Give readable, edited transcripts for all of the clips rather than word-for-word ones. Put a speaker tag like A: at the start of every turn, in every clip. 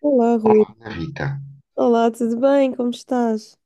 A: Olá, Rui.
B: Olá, Ana Rita.
A: Olá, tudo bem? Como estás?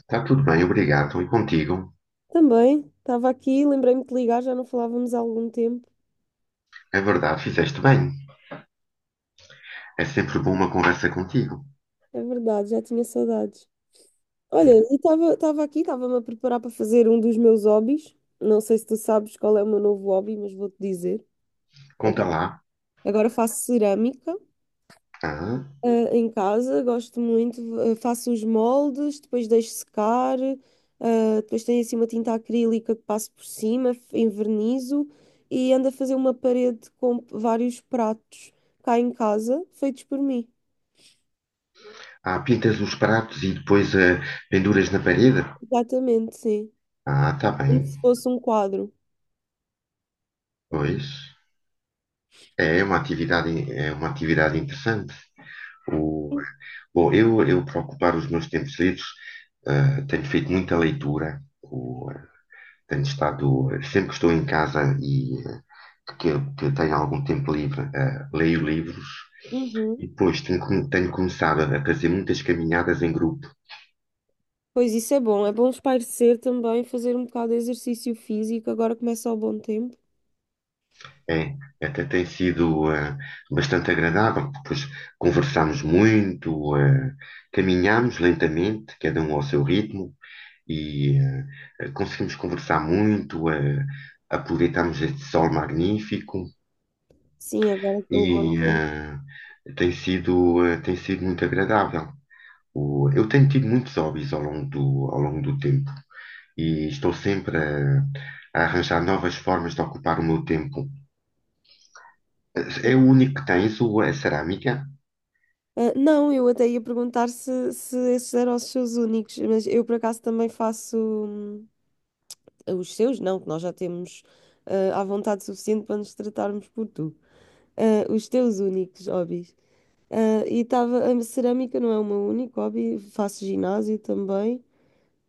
B: Está tudo bem, obrigado. E contigo?
A: Também, estava aqui, lembrei-me de ligar, já não falávamos há algum tempo.
B: É verdade, fizeste bem. É sempre bom uma conversa contigo.
A: É verdade, já tinha saudades. Olha,
B: Hum.
A: e estava aqui, estava-me a preparar para fazer um dos meus hobbies. Não sei se tu sabes qual é o meu novo hobby, mas vou-te dizer.
B: Conta lá.
A: Agora faço cerâmica.
B: Ah,
A: Ah, em casa, gosto muito, faço os moldes, depois deixo secar, depois tenho assim uma tinta acrílica que passo por cima, envernizo e ando a fazer uma parede com vários pratos cá em casa, feitos por mim.
B: pintas os pratos e depois penduras na parede?
A: Exatamente, sim.
B: Ah, está
A: Como
B: bem.
A: se fosse um quadro.
B: Pois. É uma atividade interessante. O, Bom, eu para ocupar os meus tempos livres, tenho feito muita leitura. Tenho estado sempre que estou em casa e que, que tenho algum tempo livre, leio livros e
A: Uhum.
B: depois tenho começado a fazer muitas caminhadas em grupo.
A: Pois isso é bom espairecer também, fazer um bocado de exercício físico, agora começa o bom tempo.
B: É, até tem sido bastante agradável, porque depois conversamos muito, caminhamos lentamente, cada um ao seu ritmo, e conseguimos conversar muito, aproveitamos este sol magnífico
A: Sim, agora estou o
B: e
A: bom tempo.
B: tem sido, tem sido muito agradável. Eu tenho tido muitos hobbies ao longo do tempo e estou sempre a arranjar novas formas de ocupar o meu tempo. É o único que tens, o, a cerâmica.
A: Ah, não, eu até ia perguntar se, se esses eram os seus únicos, mas eu por acaso também faço os seus, não, que nós já temos ah, à vontade suficiente para nos tratarmos por tu. Ah, os teus únicos hobbies. Ah, e estava, a cerâmica não é o meu único hobby, faço ginásio também.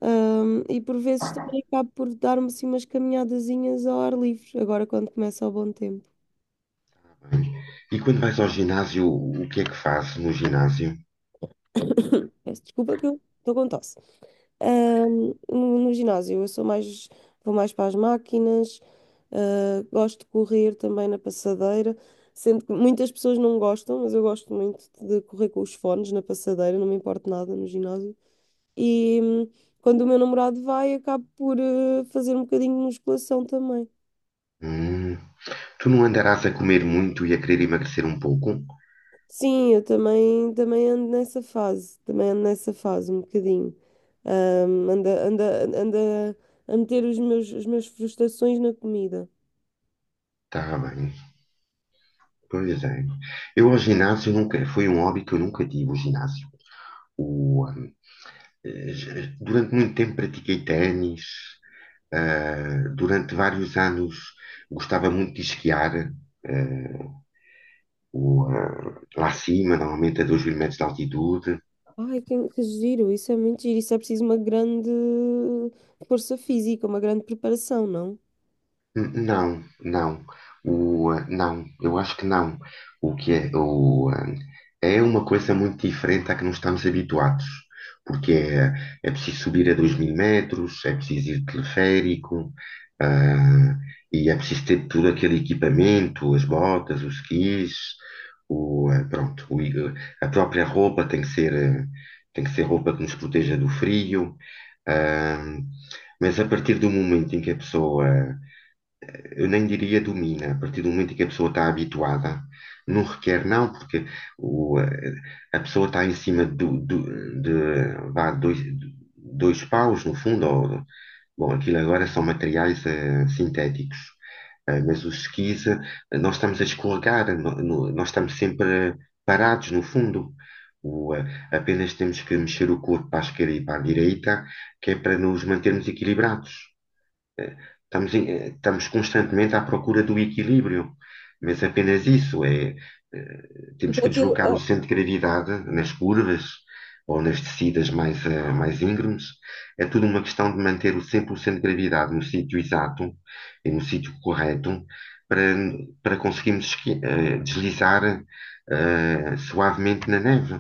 A: E por vezes também acabo por dar-me assim umas caminhadazinhas ao ar livre, agora quando começa o bom tempo.
B: E quando vais ao ginásio, o que é que fazes no ginásio?
A: Peço desculpa que eu estou com tosse. No ginásio, eu sou mais, vou mais para as máquinas, gosto de correr também na passadeira, sendo que muitas pessoas não gostam, mas eu gosto muito de correr com os fones na passadeira, não me importo nada no ginásio. E quando o meu namorado vai, acabo por fazer um bocadinho de musculação também.
B: Hum, tu não andarás a comer muito e a querer emagrecer um pouco?
A: Sim, eu também, também ando nessa fase, também ando nessa fase um bocadinho. Anda, anda, anda a meter os meus, as minhas frustrações na comida.
B: Tá bem. Pois é. Eu ao ginásio nunca, foi um hobby que eu nunca tive, o ginásio. O, hum, Durante muito tempo pratiquei ténis, durante vários anos gostava muito de esquiar, ah, lá acima, normalmente a 2 mil metros de altitude.
A: Ai, que giro, isso é muito giro. Isso é preciso uma grande força física, uma grande preparação, não?
B: Não, não. Não, eu acho que não. O que é, o, eh, É uma coisa muito diferente à que não estamos habituados, porque é, é preciso subir a 2 mil metros, é preciso ir de teleférico, ah, e é preciso ter todo aquele equipamento, as botas, os skis, pronto, a própria roupa tem que ser, tem que ser roupa que nos proteja do frio. ah, mas a partir do momento em que a pessoa, eu nem diria domina, a partir do momento em que a pessoa está habituada, não requer, não, porque o, a pessoa está em cima vá, dois paus, no fundo, ou, bom, aquilo agora são materiais sintéticos. Mas os skis, nós estamos a escorregar, nós estamos sempre parados, no fundo. O, eh, Apenas temos que mexer o corpo para a esquerda e para a direita, que é para nos mantermos equilibrados. Estamos constantemente à procura do equilíbrio, mas apenas isso é, temos
A: Porque
B: que
A: aquilo,
B: deslocar o centro de gravidade nas curvas ou nas descidas mais, mais íngremes. É tudo uma questão de manter o 100% de gravidade no sítio exato e no sítio correto para, para conseguirmos deslizar suavemente na neve.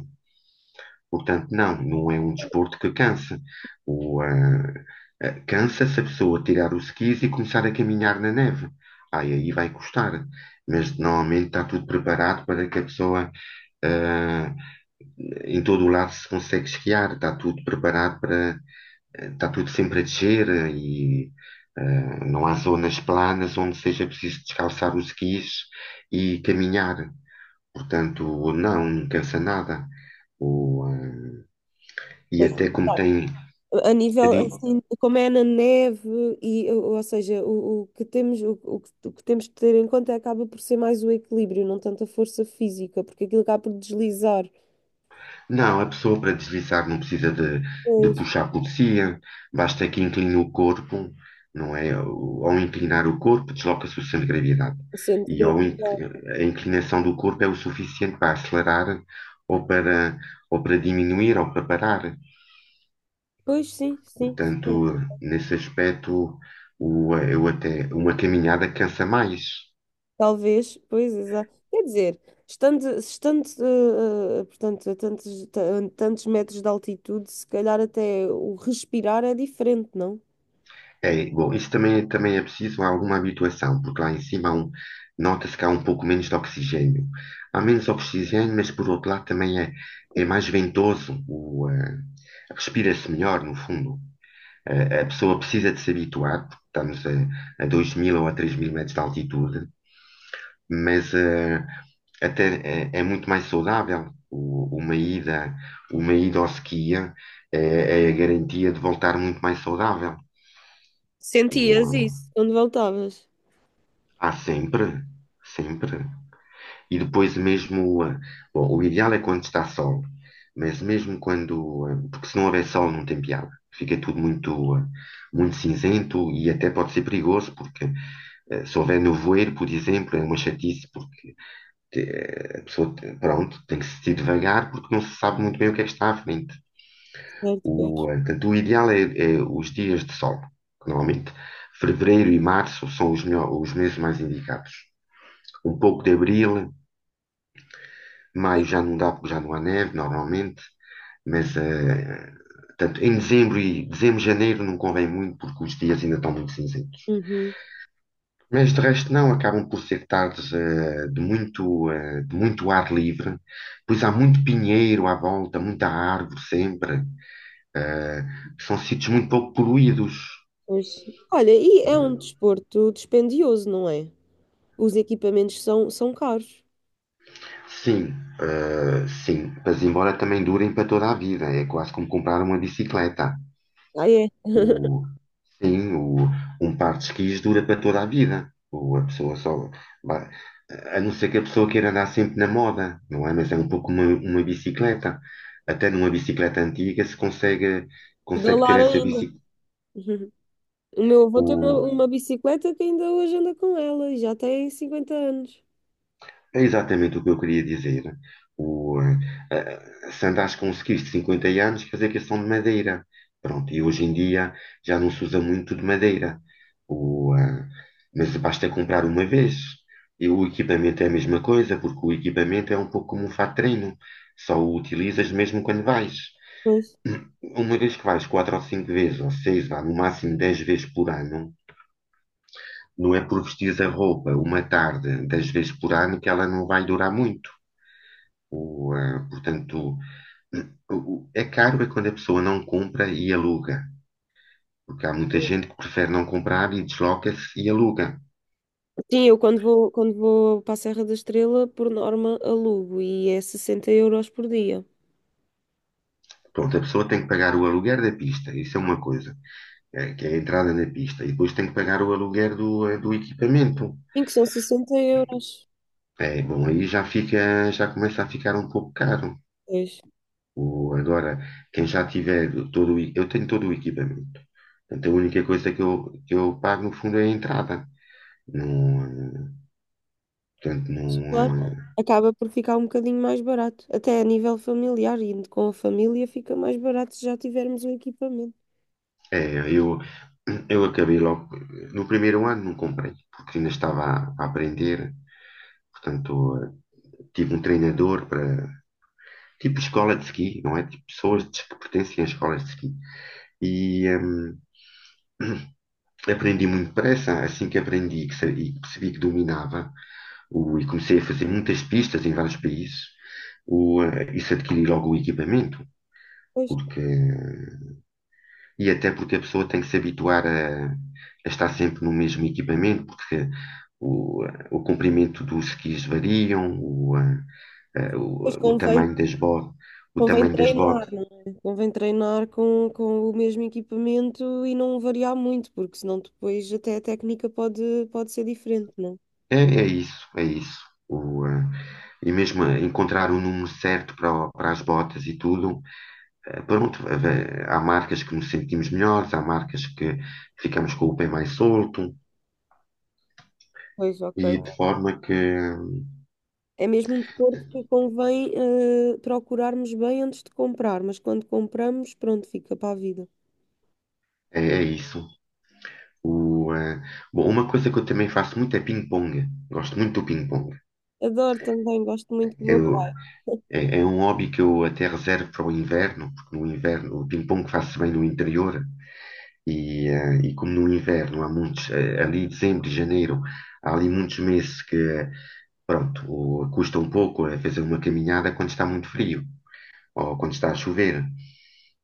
B: Portanto, não, não é um desporto que cansa. O, ah, Cansa se a pessoa tirar os skis e começar a caminhar na neve. Ai, aí vai custar. Mas normalmente está tudo preparado para que a pessoa, ah, em todo o lado, se consegue esquiar. Está tudo preparado para, está tudo sempre a descer e não há zonas planas onde seja preciso descalçar os skis e caminhar. Portanto, não, não cansa nada. O, eh, e
A: pois,
B: até como
A: claro,
B: tem,
A: a
B: a
A: nível
B: di-
A: assim, como é na neve, e, ou seja, o que temos que ter em conta acaba por ser mais o equilíbrio, não tanto a força física, porque aquilo acaba por deslizar.
B: não, a pessoa para deslizar não precisa de
A: Pois,
B: puxar por si, basta que incline o corpo, não é? Ao inclinar o corpo, desloca-se o centro de gravidade.
A: sente
B: E ao in-
A: gravidade.
B: a inclinação do corpo é o suficiente para acelerar ou para, ou para diminuir ou para parar.
A: Pois, sim, sim.
B: Portanto, nesse aspecto, eu até, uma caminhada cansa mais.
A: Talvez, pois, exato. Quer dizer, estando, estando portanto, a tantos, a tantos metros de altitude, se calhar até o respirar é diferente, não?
B: É, bom, isso também, também é preciso alguma habituação, porque lá em cima nota-se que há um pouco menos de oxigênio. Há menos oxigênio, mas por outro lado também é, é mais ventoso, respira-se melhor, no fundo. A pessoa precisa de se habituar, porque estamos a 2 mil ou a 3 mil metros de altitude, mas até é, é muito mais saudável. Uma ida ao ski é a garantia de voltar muito mais saudável.
A: Sentias isso? Quando voltavas.
B: Há sempre, sempre. E depois mesmo, bom, o ideal é quando está sol, mas mesmo quando, porque se não houver sol não tem piada. Fica tudo muito, muito cinzento e até pode ser perigoso, porque se houver nevoeiro, por exemplo, é uma chatice, porque a pessoa, pronto, tem que se ir devagar, porque não se sabe muito bem o que é que está à frente.
A: Certo, pois.
B: Portanto, o ideal é, é os dias de sol, que normalmente. Fevereiro e março são os, os meses mais indicados. Um pouco de abril, maio já não dá, porque já não há neve, normalmente, mas portanto, em dezembro, janeiro não convém muito, porque os dias ainda estão muito cinzentos.
A: Uhum,
B: Mas de resto não, acabam por ser tardes de muito, de muito ar livre, pois há muito pinheiro à volta, muita árvore sempre, eh, são sítios muito pouco poluídos.
A: pois. Olha, e é um desporto dispendioso, não é? Os equipamentos são, são caros.
B: Sim, sim, mas embora também durem para toda a vida, é quase como comprar uma bicicleta.
A: Ah, é?
B: O, sim, um par de esquis dura para toda a vida. A pessoa só vai- a não ser que a pessoa queira andar sempre na moda, não é? Mas é um pouco uma bicicleta. Até numa bicicleta antiga se consegue, consegue ter
A: Pedalar
B: essa
A: ainda.
B: bicicleta.
A: Uhum. O meu avô tem uma bicicleta que ainda hoje anda com ela e já tem 50 anos.
B: É exatamente o que eu queria dizer. O, eh, Se andares com um skiff de 50 anos, quer dizer que são de madeira. Pronto, e hoje em dia já não se usa muito de madeira. O, eh, mas basta comprar uma vez. E o equipamento é a mesma coisa, porque o equipamento é um pouco como um fato de treino. Só o utilizas mesmo quando vais.
A: Pois.
B: Uma vez que vais quatro ou cinco vezes, ou seis, vá, no máximo 10 vezes por ano, não é por vestir a roupa uma tarde 10 vezes por ano que ela não vai durar muito. Portanto, é caro é quando a pessoa não compra e aluga, porque há muita gente que prefere não comprar e desloca-se e aluga.
A: Sim, eu quando vou para a Serra da Estrela, por norma, alugo e é 60 euros por dia.
B: Pronto, a pessoa tem que pagar o aluguer da pista, isso é uma coisa, que é a entrada na pista, e depois tem que pagar o aluguer do, do equipamento.
A: Em que são 60 euros.
B: É, bom, aí já fica, já começa a ficar um pouco caro.
A: Pois,
B: Agora, quem já tiver eu tenho todo o equipamento. Portanto, a única coisa que eu pago no fundo é a entrada. Não, eh, Portanto, não,
A: claro,
B: eh,
A: acaba por ficar um bocadinho mais barato. Até a nível familiar, indo com a família, fica mais barato se já tivermos o equipamento.
B: é, eu acabei logo. No primeiro ano não comprei, porque ainda estava a aprender. Portanto, tive um treinador para. Tipo escola de ski, não é? Tipo que pertencem a escolas de ski. E aprendi muito depressa. Assim que aprendi e percebi que dominava, e comecei a fazer muitas pistas em vários países, isso adquiri logo o equipamento.
A: Pois,
B: Porque e até porque a pessoa tem que se habituar a estar sempre no mesmo equipamento, porque o, o comprimento dos skis variam,
A: pois
B: o
A: convém,
B: tamanho das botas, o
A: convém
B: tamanho das botas.
A: treinar, não é? Convém treinar com o mesmo equipamento e não variar muito, porque senão depois até a técnica pode, pode ser diferente, não é?
B: É, é isso, é isso. O, eh, e mesmo encontrar o número certo para, para as botas e tudo, pronto, há marcas que nos sentimos melhores, há marcas que ficamos com o pé mais solto,
A: Pois, ok.
B: e de forma que
A: É mesmo um desporto que convém procurarmos bem antes de comprar, mas quando compramos, pronto, fica para a vida.
B: é é isso. O, eh, Bom, uma coisa que eu também faço muito é ping-pong. Gosto muito do ping-pong.
A: Adoro também, gosto muito do meu
B: Eu-
A: pai.
B: É, é um hobby que eu até reservo para o inverno, porque no inverno o ping-pong faz-se bem no interior e, e como no inverno há muitos, ali dezembro janeiro, há ali muitos meses que, pronto, custa um pouco fazer uma caminhada quando está muito frio ou quando está a chover.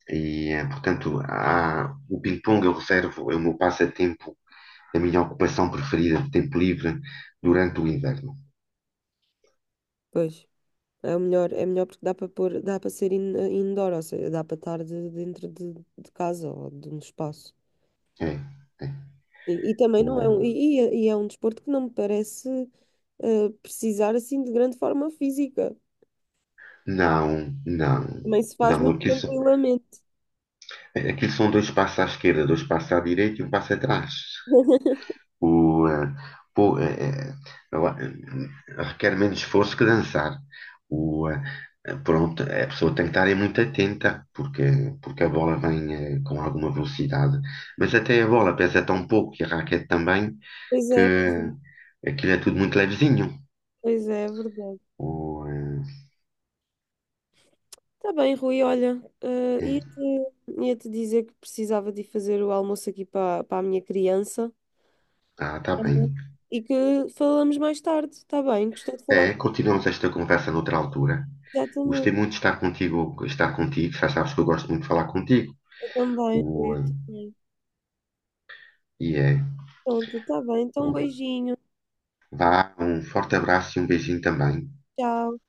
B: E, portanto, o ping-pong eu reservo, é o meu passatempo, a minha ocupação preferida de tempo livre durante o inverno.
A: Pois, é o melhor, é melhor porque dá para pôr, dá para ser indoor, ou seja, dá para estar dentro de casa ou de um espaço.
B: É, é.
A: E também não é um,
B: O-
A: e é um desporto que não me parece precisar assim de grande forma física.
B: Não, não,
A: Também se faz
B: não,
A: muito
B: aquilo,
A: tranquilamente.
B: aquilo são dois passos à esquerda, dois passos à direita e um passo atrás. O, eh, pô, eh, eh, eu a- eh, Requer menos esforço que dançar. O, eh, Pronto, a pessoa tem que estar aí muito atenta, porque, porque a bola vem com alguma velocidade. Mas até a bola pesa tão pouco e a raquete também,
A: Pois
B: que
A: é, pois é,
B: aquilo é tudo muito levezinho.
A: pois é, é verdade.
B: O,
A: Está bem, Rui, olha,
B: eh, eh,
A: ia-te dizer que precisava de ir fazer o almoço aqui para para a minha criança.
B: ah, Tá bem.
A: Uhum. E que falamos mais tarde, está bem? Gostei de falar
B: É, continuamos esta conversa noutra altura.
A: contigo também.
B: Gostei muito de estar contigo, estar contigo. Já sabes que eu gosto muito de falar contigo.
A: Eu também, Rui,
B: O, eh,
A: eu também.
B: E é.
A: Pronto, está bem, então um beijinho,
B: Vá, um forte abraço e um beijinho também.
A: tchau.